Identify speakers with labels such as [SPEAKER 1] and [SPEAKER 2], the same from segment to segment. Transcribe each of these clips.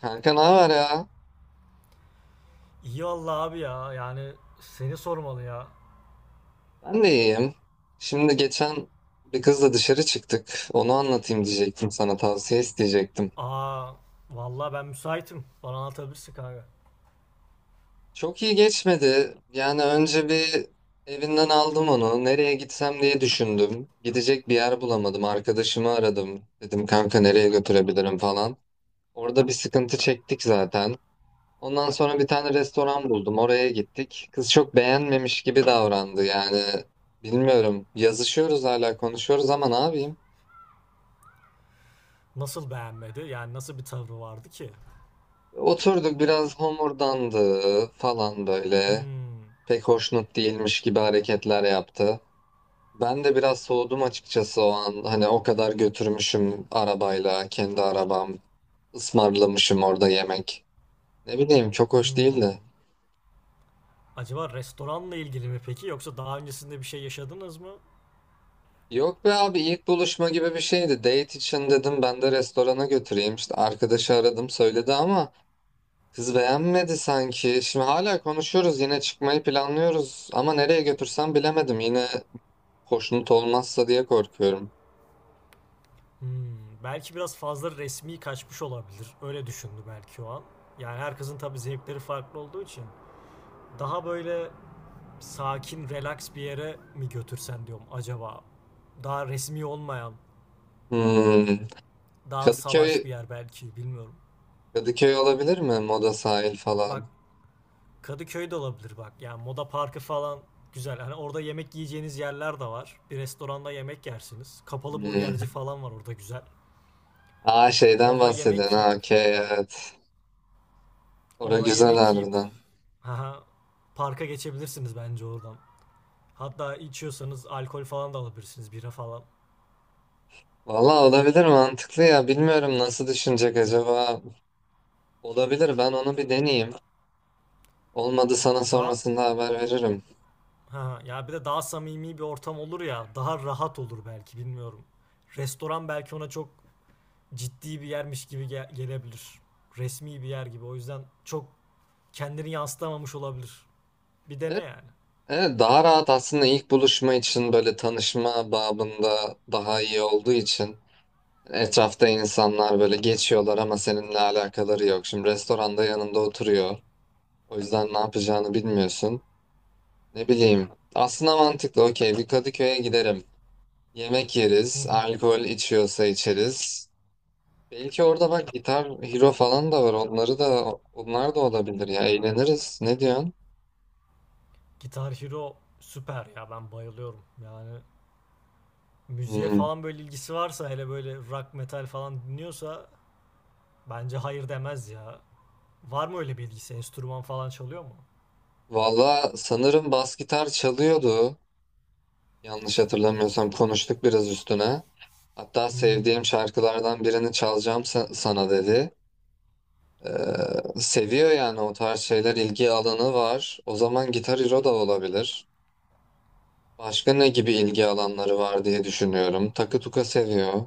[SPEAKER 1] Kanka ne haber ya?
[SPEAKER 2] İyi valla abi ya. Yani seni sormalı ya.
[SPEAKER 1] Ben de iyiyim. Şimdi geçen bir kızla dışarı çıktık. Onu anlatayım diyecektim, sana tavsiye isteyecektim.
[SPEAKER 2] Aa valla ben müsaitim. Bana anlatabilirsin kanka.
[SPEAKER 1] Çok iyi geçmedi. Yani önce bir evinden aldım onu. Nereye gitsem diye düşündüm. Gidecek bir yer bulamadım. Arkadaşımı aradım. Dedim kanka nereye götürebilirim falan. Orada bir sıkıntı çektik zaten. Ondan sonra bir tane restoran buldum. Oraya gittik. Kız çok beğenmemiş gibi davrandı. Yani bilmiyorum. Yazışıyoruz hala, konuşuyoruz ama ne yapayım?
[SPEAKER 2] Nasıl beğenmedi? Yani nasıl bir tavrı vardı ki?
[SPEAKER 1] Oturduk, biraz homurdandı falan böyle.
[SPEAKER 2] Hmm.
[SPEAKER 1] Pek hoşnut değilmiş gibi hareketler yaptı. Ben de biraz soğudum açıkçası o an. Hani o kadar götürmüşüm arabayla, kendi arabam. Ismarlamışım orada yemek. Ne bileyim, çok hoş
[SPEAKER 2] Hmm.
[SPEAKER 1] değildi.
[SPEAKER 2] Acaba restoranla ilgili mi peki yoksa daha öncesinde bir şey yaşadınız mı?
[SPEAKER 1] Yok be abi, ilk buluşma gibi bir şeydi. Date için dedim, ben de restorana götüreyim. İşte arkadaşı aradım, söyledi ama kız beğenmedi sanki. Şimdi hala konuşuyoruz, yine çıkmayı planlıyoruz. Ama nereye götürsem bilemedim yine. Hoşnut olmazsa diye korkuyorum.
[SPEAKER 2] Hmm. Belki biraz fazla resmi kaçmış olabilir. Öyle düşündü belki o an. Yani herkesin tabii zevkleri farklı olduğu için daha böyle sakin, relax bir yere mi götürsen diyorum acaba. Daha resmi olmayan
[SPEAKER 1] Hmm.
[SPEAKER 2] Daha salaş bir
[SPEAKER 1] Kadıköy
[SPEAKER 2] yer belki bilmiyorum.
[SPEAKER 1] Kadıköy olabilir mi? Moda sahil falan.
[SPEAKER 2] Bak Kadıköy de olabilir bak. Yani Moda Parkı falan güzel. Hani orada yemek yiyeceğiniz yerler de var. Bir restoranda yemek yersiniz. Kapalı burgerci
[SPEAKER 1] Hmm.
[SPEAKER 2] falan var orada güzel.
[SPEAKER 1] Aa, şeyden
[SPEAKER 2] Orada yemek
[SPEAKER 1] bahsediyorsun.
[SPEAKER 2] yiyip,
[SPEAKER 1] Ha, okey, evet. Ora
[SPEAKER 2] orada
[SPEAKER 1] güzel
[SPEAKER 2] yemek yiyip
[SPEAKER 1] harbiden.
[SPEAKER 2] haha, parka geçebilirsiniz bence oradan. Hatta içiyorsanız alkol falan da alabilirsiniz, bira falan.
[SPEAKER 1] Valla olabilir, mantıklı ya. Bilmiyorum nasıl düşünecek acaba. Olabilir, ben onu bir deneyeyim. Olmadı, sana
[SPEAKER 2] Daha
[SPEAKER 1] sonrasında haber veririm.
[SPEAKER 2] ha ya, bir de daha samimi bir ortam olur ya, daha rahat olur belki bilmiyorum. Restoran belki ona çok ciddi bir yermiş gibi gelebilir. Resmi bir yer gibi. O yüzden çok kendini yansıtamamış olabilir. Bir dene
[SPEAKER 1] Evet,
[SPEAKER 2] yani.
[SPEAKER 1] evet, daha rahat aslında ilk buluşma için, böyle tanışma babında daha iyi olduğu için. Etrafta insanlar böyle geçiyorlar ama seninle alakaları yok. Şimdi restoranda yanında oturuyor. O yüzden ne yapacağını bilmiyorsun. Ne bileyim. Aslında mantıklı. Okey, bir Kadıköy'e giderim. Yemek yeriz. Alkol içiyorsa içeriz. Belki orada bak, gitar, hero falan da var. Onları da, onlar da olabilir ya. Eğleniriz. Ne diyorsun?
[SPEAKER 2] Guitar Hero süper ya ben bayılıyorum. Yani müziğe
[SPEAKER 1] Hmm.
[SPEAKER 2] falan böyle ilgisi varsa hele böyle rock metal falan dinliyorsa bence hayır demez ya. Var mı öyle bir ilgisi? Enstrüman falan çalıyor mu?
[SPEAKER 1] Valla sanırım bas gitar çalıyordu. Yanlış hatırlamıyorsam konuştuk biraz üstüne. Hatta sevdiğim
[SPEAKER 2] Hmm.
[SPEAKER 1] şarkılardan birini çalacağım sana dedi. Ee, seviyor yani, o tarz şeyler ilgi alanı var. O zaman Gitar Hero da olabilir. Başka ne gibi ilgi alanları var diye düşünüyorum. Takı tuka seviyor.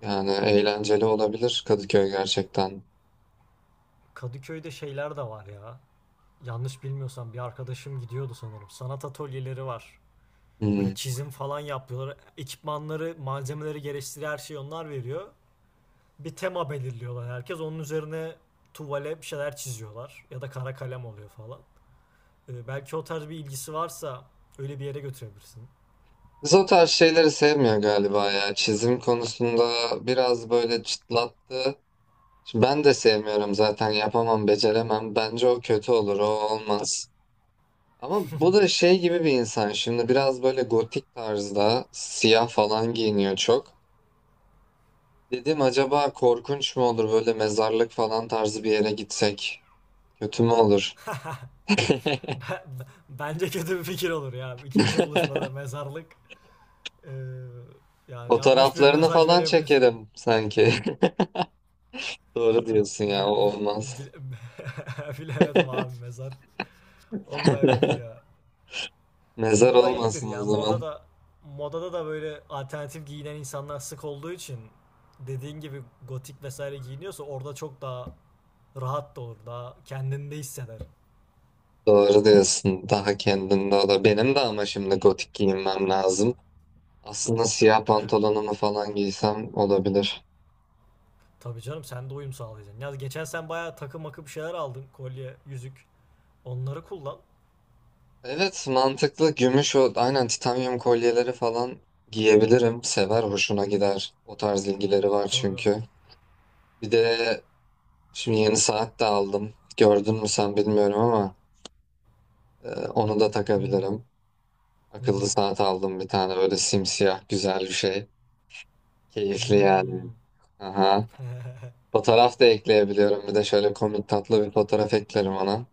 [SPEAKER 1] Yani eğlenceli olabilir Kadıköy gerçekten.
[SPEAKER 2] Kadıköy'de şeyler de var ya. Yanlış bilmiyorsam bir arkadaşım gidiyordu sanırım. Sanat atölyeleri var.
[SPEAKER 1] Hmm.
[SPEAKER 2] Böyle çizim falan yapıyorlar. Ekipmanları, malzemeleri gerektiği her şeyi onlar veriyor. Bir tema belirliyorlar herkes. Onun üzerine tuvale bir şeyler çiziyorlar. Ya da kara kalem oluyor falan. Belki o tarz bir ilgisi varsa öyle bir yere götürebilirsin.
[SPEAKER 1] Biz o tarz şeyleri sevmiyor galiba ya. Çizim konusunda biraz böyle çıtlattı. Ben de sevmiyorum zaten, yapamam, beceremem. Bence o kötü olur, o olmaz. Ama bu da şey gibi bir insan, şimdi biraz böyle gotik tarzda siyah falan giyiniyor çok. Dedim acaba korkunç mu olur böyle mezarlık falan tarzı bir yere gitsek? Kötü mü olur?
[SPEAKER 2] Bence kötü bir fikir olur ya. İkinci buluşmada mezarlık. Ee, yani yanlış bir
[SPEAKER 1] Fotoğraflarını
[SPEAKER 2] mesaj
[SPEAKER 1] falan
[SPEAKER 2] verebilirsin.
[SPEAKER 1] çekerim sanki. Doğru diyorsun ya, o
[SPEAKER 2] Bil- bil-
[SPEAKER 1] olmaz.
[SPEAKER 2] bil- bilemedim abi mezar. Olmayabilir ya.
[SPEAKER 1] Mezar
[SPEAKER 2] Moda iyidir
[SPEAKER 1] olmasın o
[SPEAKER 2] ya.
[SPEAKER 1] zaman.
[SPEAKER 2] Modada da böyle alternatif giyinen insanlar sık olduğu için dediğin gibi gotik vesaire giyiniyorsa orada çok daha rahat da olur. Daha kendinde hisseder.
[SPEAKER 1] Doğru diyorsun, daha kendinde o da. Benim de ama şimdi gotik giyinmem lazım. Aslında siyah
[SPEAKER 2] E,
[SPEAKER 1] pantolonumu falan giysem olabilir.
[SPEAKER 2] tabii canım sen de uyum sağlayacaksın. Ya geçen sen bayağı takı makı bir şeyler aldın. Kolye, yüzük. Onları kullan.
[SPEAKER 1] Evet, mantıklı. Gümüş o, aynen, titanyum kolyeleri falan giyebilirim. Sever, hoşuna gider. O tarz ilgileri var
[SPEAKER 2] Tabii.
[SPEAKER 1] çünkü. Bir de şimdi yeni saat de aldım. Gördün mü sen bilmiyorum ama onu da
[SPEAKER 2] Hmm.
[SPEAKER 1] takabilirim.
[SPEAKER 2] Hı
[SPEAKER 1] Akıllı
[SPEAKER 2] hı.
[SPEAKER 1] saat aldım bir tane, böyle simsiyah güzel bir şey. Keyifli yani.
[SPEAKER 2] Hmm.
[SPEAKER 1] Aha. Fotoğraf da ekleyebiliyorum. Bir de şöyle komik tatlı bir fotoğraf eklerim ona.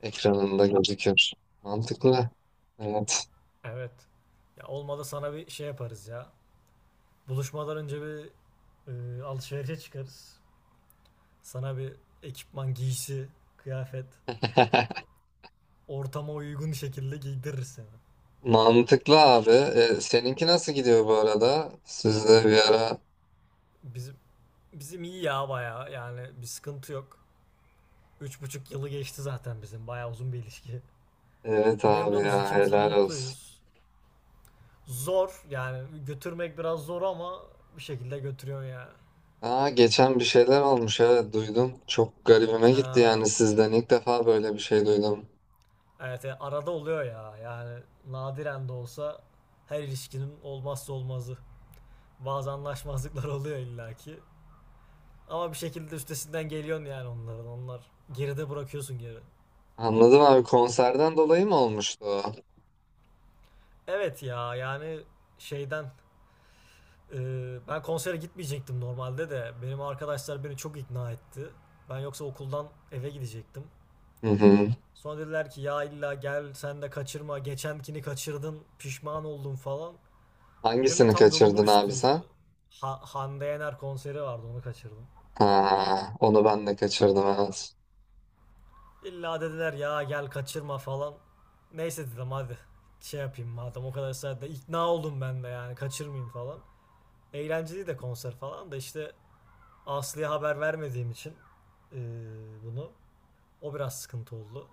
[SPEAKER 1] Ekranında gözükür. Mantıklı. Evet.
[SPEAKER 2] Evet. Ya olmadı sana bir şey yaparız ya. Buluşmadan önce bir alışverişe çıkarız. Sana bir ekipman, giysi, kıyafet, ortama uygun şekilde giydiririz seni.
[SPEAKER 1] Mantıklı abi. E, seninki nasıl gidiyor bu arada? Sizde bir ara.
[SPEAKER 2] Bizim bizim iyi ya bayağı yani bir sıkıntı yok. 3,5 yılı geçti zaten bizim bayağı uzun bir ilişki.
[SPEAKER 1] Evet abi
[SPEAKER 2] Memnunuz
[SPEAKER 1] ya,
[SPEAKER 2] ikimiz de
[SPEAKER 1] helal olsun.
[SPEAKER 2] mutluyuz. Zor yani götürmek biraz zor ama bir şekilde götürüyor ya.
[SPEAKER 1] Aa, geçen bir şeyler olmuş, evet, duydum. Çok garibime gitti
[SPEAKER 2] Ha,
[SPEAKER 1] yani, sizden ilk defa böyle bir şey duydum.
[SPEAKER 2] evet yani arada oluyor ya yani nadiren de olsa her ilişkinin olmazsa olmazı. Bazı anlaşmazlıklar oluyor illaki. Ama bir şekilde üstesinden geliyorsun yani onların. Onlar geride bırakıyorsun geri.
[SPEAKER 1] Anladım abi, konserden dolayı mı olmuştu o?
[SPEAKER 2] Evet ya yani şeyden e, ben konsere gitmeyecektim normalde de benim arkadaşlar beni çok ikna etti. Ben yoksa okuldan eve gidecektim.
[SPEAKER 1] Hı hı.
[SPEAKER 2] Sonra dediler ki ya illa gel sen de kaçırma geçenkini kaçırdın pişman oldun falan. Benim de
[SPEAKER 1] Hangisini
[SPEAKER 2] tam yolumun
[SPEAKER 1] kaçırdın abi
[SPEAKER 2] üstüydü.
[SPEAKER 1] sen?
[SPEAKER 2] Hande Yener konseri vardı onu kaçırdım.
[SPEAKER 1] Ha, onu ben de kaçırdım, evet.
[SPEAKER 2] İlla dediler ya gel kaçırma falan. Neyse dedim hadi şey yapayım madem o kadar saatte ikna oldum ben de yani kaçırmayayım falan. Eğlenceli de konser falan da işte Aslı'ya haber vermediğim için eee, bunu o biraz sıkıntı oldu.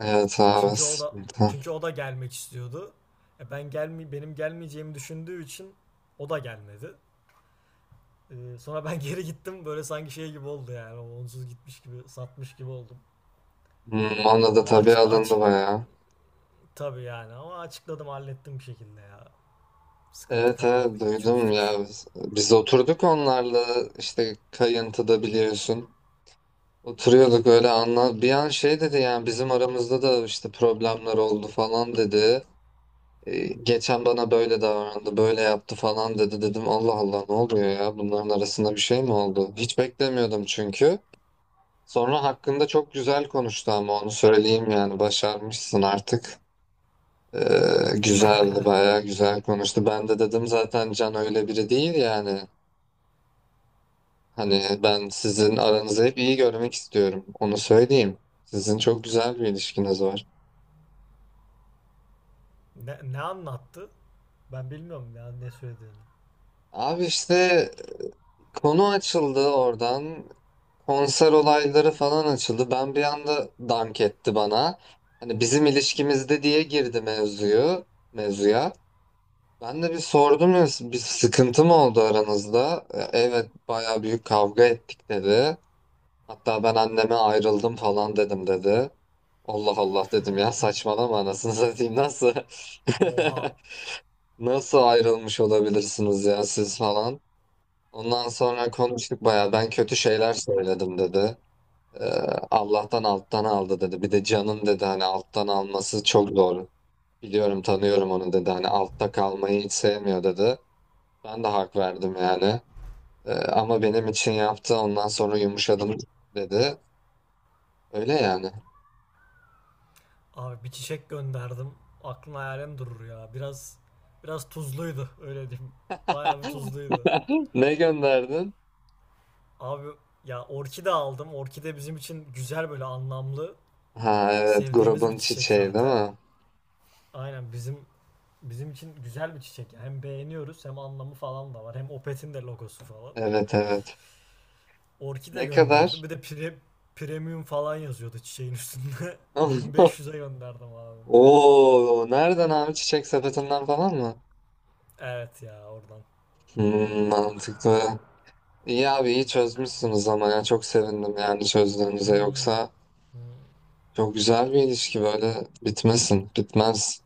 [SPEAKER 1] Evet abi.
[SPEAKER 2] Çünkü o da
[SPEAKER 1] Sıkıntı.
[SPEAKER 2] çünkü o da gelmek istiyordu. Benim gelmeyeceğimi düşündüğü için o da gelmedi. Sonra ben geri gittim böyle sanki şey gibi oldu yani onsuz gitmiş gibi satmış gibi oldum.
[SPEAKER 1] Hmm, ona da
[SPEAKER 2] Ama
[SPEAKER 1] tabii
[SPEAKER 2] açık,
[SPEAKER 1] alındı
[SPEAKER 2] açık
[SPEAKER 1] bayağı.
[SPEAKER 2] Tabii yani ama açıkladım hallettim bir şekilde ya. Sıkıntı
[SPEAKER 1] Evet,
[SPEAKER 2] kalmadı
[SPEAKER 1] evet,
[SPEAKER 2] yeri
[SPEAKER 1] duydum
[SPEAKER 2] çözdük.
[SPEAKER 1] ya. Biz oturduk onlarla işte kayıntıda, biliyorsun. Oturuyorduk öyle, anla. Bir an şey dedi yani, bizim aramızda da işte problemler oldu falan dedi. Geçen bana böyle davrandı, böyle yaptı falan dedi. Dedim Allah Allah, ne oluyor ya? Bunların arasında bir şey mi oldu? Hiç beklemiyordum çünkü. Sonra hakkında çok güzel konuştu, ama onu söyleyeyim yani, başarmışsın artık. Ee, güzeldi, bayağı güzel konuştu. Ben de dedim zaten Can öyle biri değil yani. Hani ben sizin aranızı hep iyi görmek istiyorum. Onu söyleyeyim. Sizin çok güzel bir ilişkiniz var.
[SPEAKER 2] Ne anlattı? Ben bilmiyorum ya ne söylediğini.
[SPEAKER 1] Abi işte konu açıldı oradan. Konser olayları falan açıldı. Ben, bir anda dank etti bana. Hani bizim ilişkimizde diye girdi mevzuya. Ben de bir sordum ya, bir sıkıntı mı oldu aranızda? Evet bayağı büyük kavga ettik dedi. Hatta ben anneme ayrıldım falan dedim dedi. Allah Allah dedim ya, saçmalama anasını satayım, nasıl?
[SPEAKER 2] Oha.
[SPEAKER 1] Nasıl ayrılmış olabilirsiniz ya siz falan. Ondan sonra konuştuk, baya ben kötü şeyler söyledim dedi. Ee, Allah'tan alttan aldı dedi. Bir de canın dedi, hani alttan alması çok zor. Biliyorum, tanıyorum onu dedi, hani altta kalmayı hiç sevmiyor dedi. Ben de hak verdim yani. Ama benim için yaptı, ondan sonra yumuşadım dedi. Öyle yani.
[SPEAKER 2] Abi bir çiçek gönderdim. Aklın hayalin durur ya. Biraz tuzluydu öyle diyeyim. Bayağı bir tuzluydu.
[SPEAKER 1] Ne gönderdin?
[SPEAKER 2] Abi ya orkide aldım. Orkide bizim için güzel böyle anlamlı
[SPEAKER 1] Ha evet,
[SPEAKER 2] sevdiğimiz bir
[SPEAKER 1] grubun
[SPEAKER 2] çiçek
[SPEAKER 1] çiçeği değil
[SPEAKER 2] zaten.
[SPEAKER 1] mi?
[SPEAKER 2] Aynen bizim için güzel bir çiçek. Yani hem beğeniyoruz hem anlamı falan da var. Hem Opet'in de logosu falan.
[SPEAKER 1] Evet, evet.
[SPEAKER 2] Orkide
[SPEAKER 1] Ne
[SPEAKER 2] gönderdim.
[SPEAKER 1] kadar?
[SPEAKER 2] Bir de premium falan yazıyordu çiçeğin üstünde. 1500'e gönderdim abi.
[SPEAKER 1] Oo, nereden abi, çiçek sepetinden falan mı?
[SPEAKER 2] Evet ya oradan.
[SPEAKER 1] Hmm, mantıklı. İyi abi, iyi
[SPEAKER 2] Yani,
[SPEAKER 1] çözmüşsünüz ama, ya çok sevindim yani çözdüğünüze,
[SPEAKER 2] hmm,
[SPEAKER 1] yoksa
[SPEAKER 2] hmm.
[SPEAKER 1] çok güzel bir ilişki, böyle bitmesin, bitmez.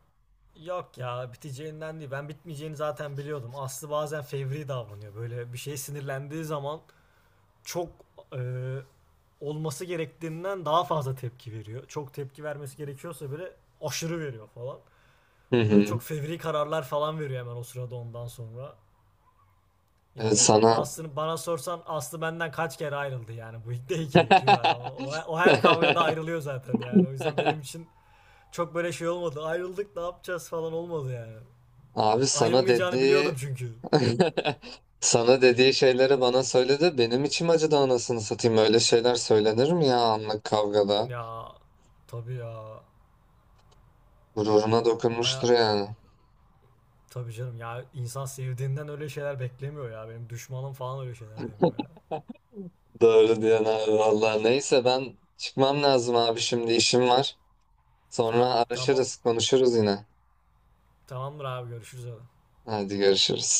[SPEAKER 2] Yok ya biteceğinden değil. Ben bitmeyeceğini zaten biliyordum. Aslı bazen fevri davranıyor. Böyle bir şey sinirlendiği zaman çok e, olması gerektiğinden daha fazla tepki veriyor. Çok tepki vermesi gerekiyorsa böyle aşırı veriyor falan.
[SPEAKER 1] Hı
[SPEAKER 2] Böyle
[SPEAKER 1] hı.
[SPEAKER 2] çok fevri kararlar falan veriyor hemen o sırada ondan sonra.
[SPEAKER 1] Evet
[SPEAKER 2] Yani Aslı'nı bana sorsan Aslı benden kaç kere ayrıldı yani bu ilk değil ki güya. O her kavgada ayrılıyor zaten yani. O yüzden benim için çok böyle şey olmadı. Ayrıldık ne yapacağız falan olmadı yani.
[SPEAKER 1] abi sana
[SPEAKER 2] Ayrılmayacağını biliyordum
[SPEAKER 1] dediği
[SPEAKER 2] çünkü.
[SPEAKER 1] Sana dediği şeyleri bana söyledi. Benim içim acıdı anasını satayım. Öyle şeyler söylenir mi ya, anlık kavgada?
[SPEAKER 2] Ya tabii ya.
[SPEAKER 1] Gururuna dokunmuştur
[SPEAKER 2] Baya
[SPEAKER 1] yani.
[SPEAKER 2] tabii canım ya insan sevdiğinden öyle şeyler beklemiyor ya. Benim düşmanım falan öyle şeyler demiyor ya.
[SPEAKER 1] Doğru diyorsun abi valla. Neyse ben çıkmam lazım abi, şimdi işim var. Sonra
[SPEAKER 2] Ha tamam.
[SPEAKER 1] araşırız konuşuruz yine.
[SPEAKER 2] Tamamdır abi görüşürüz hadi.
[SPEAKER 1] Hadi görüşürüz.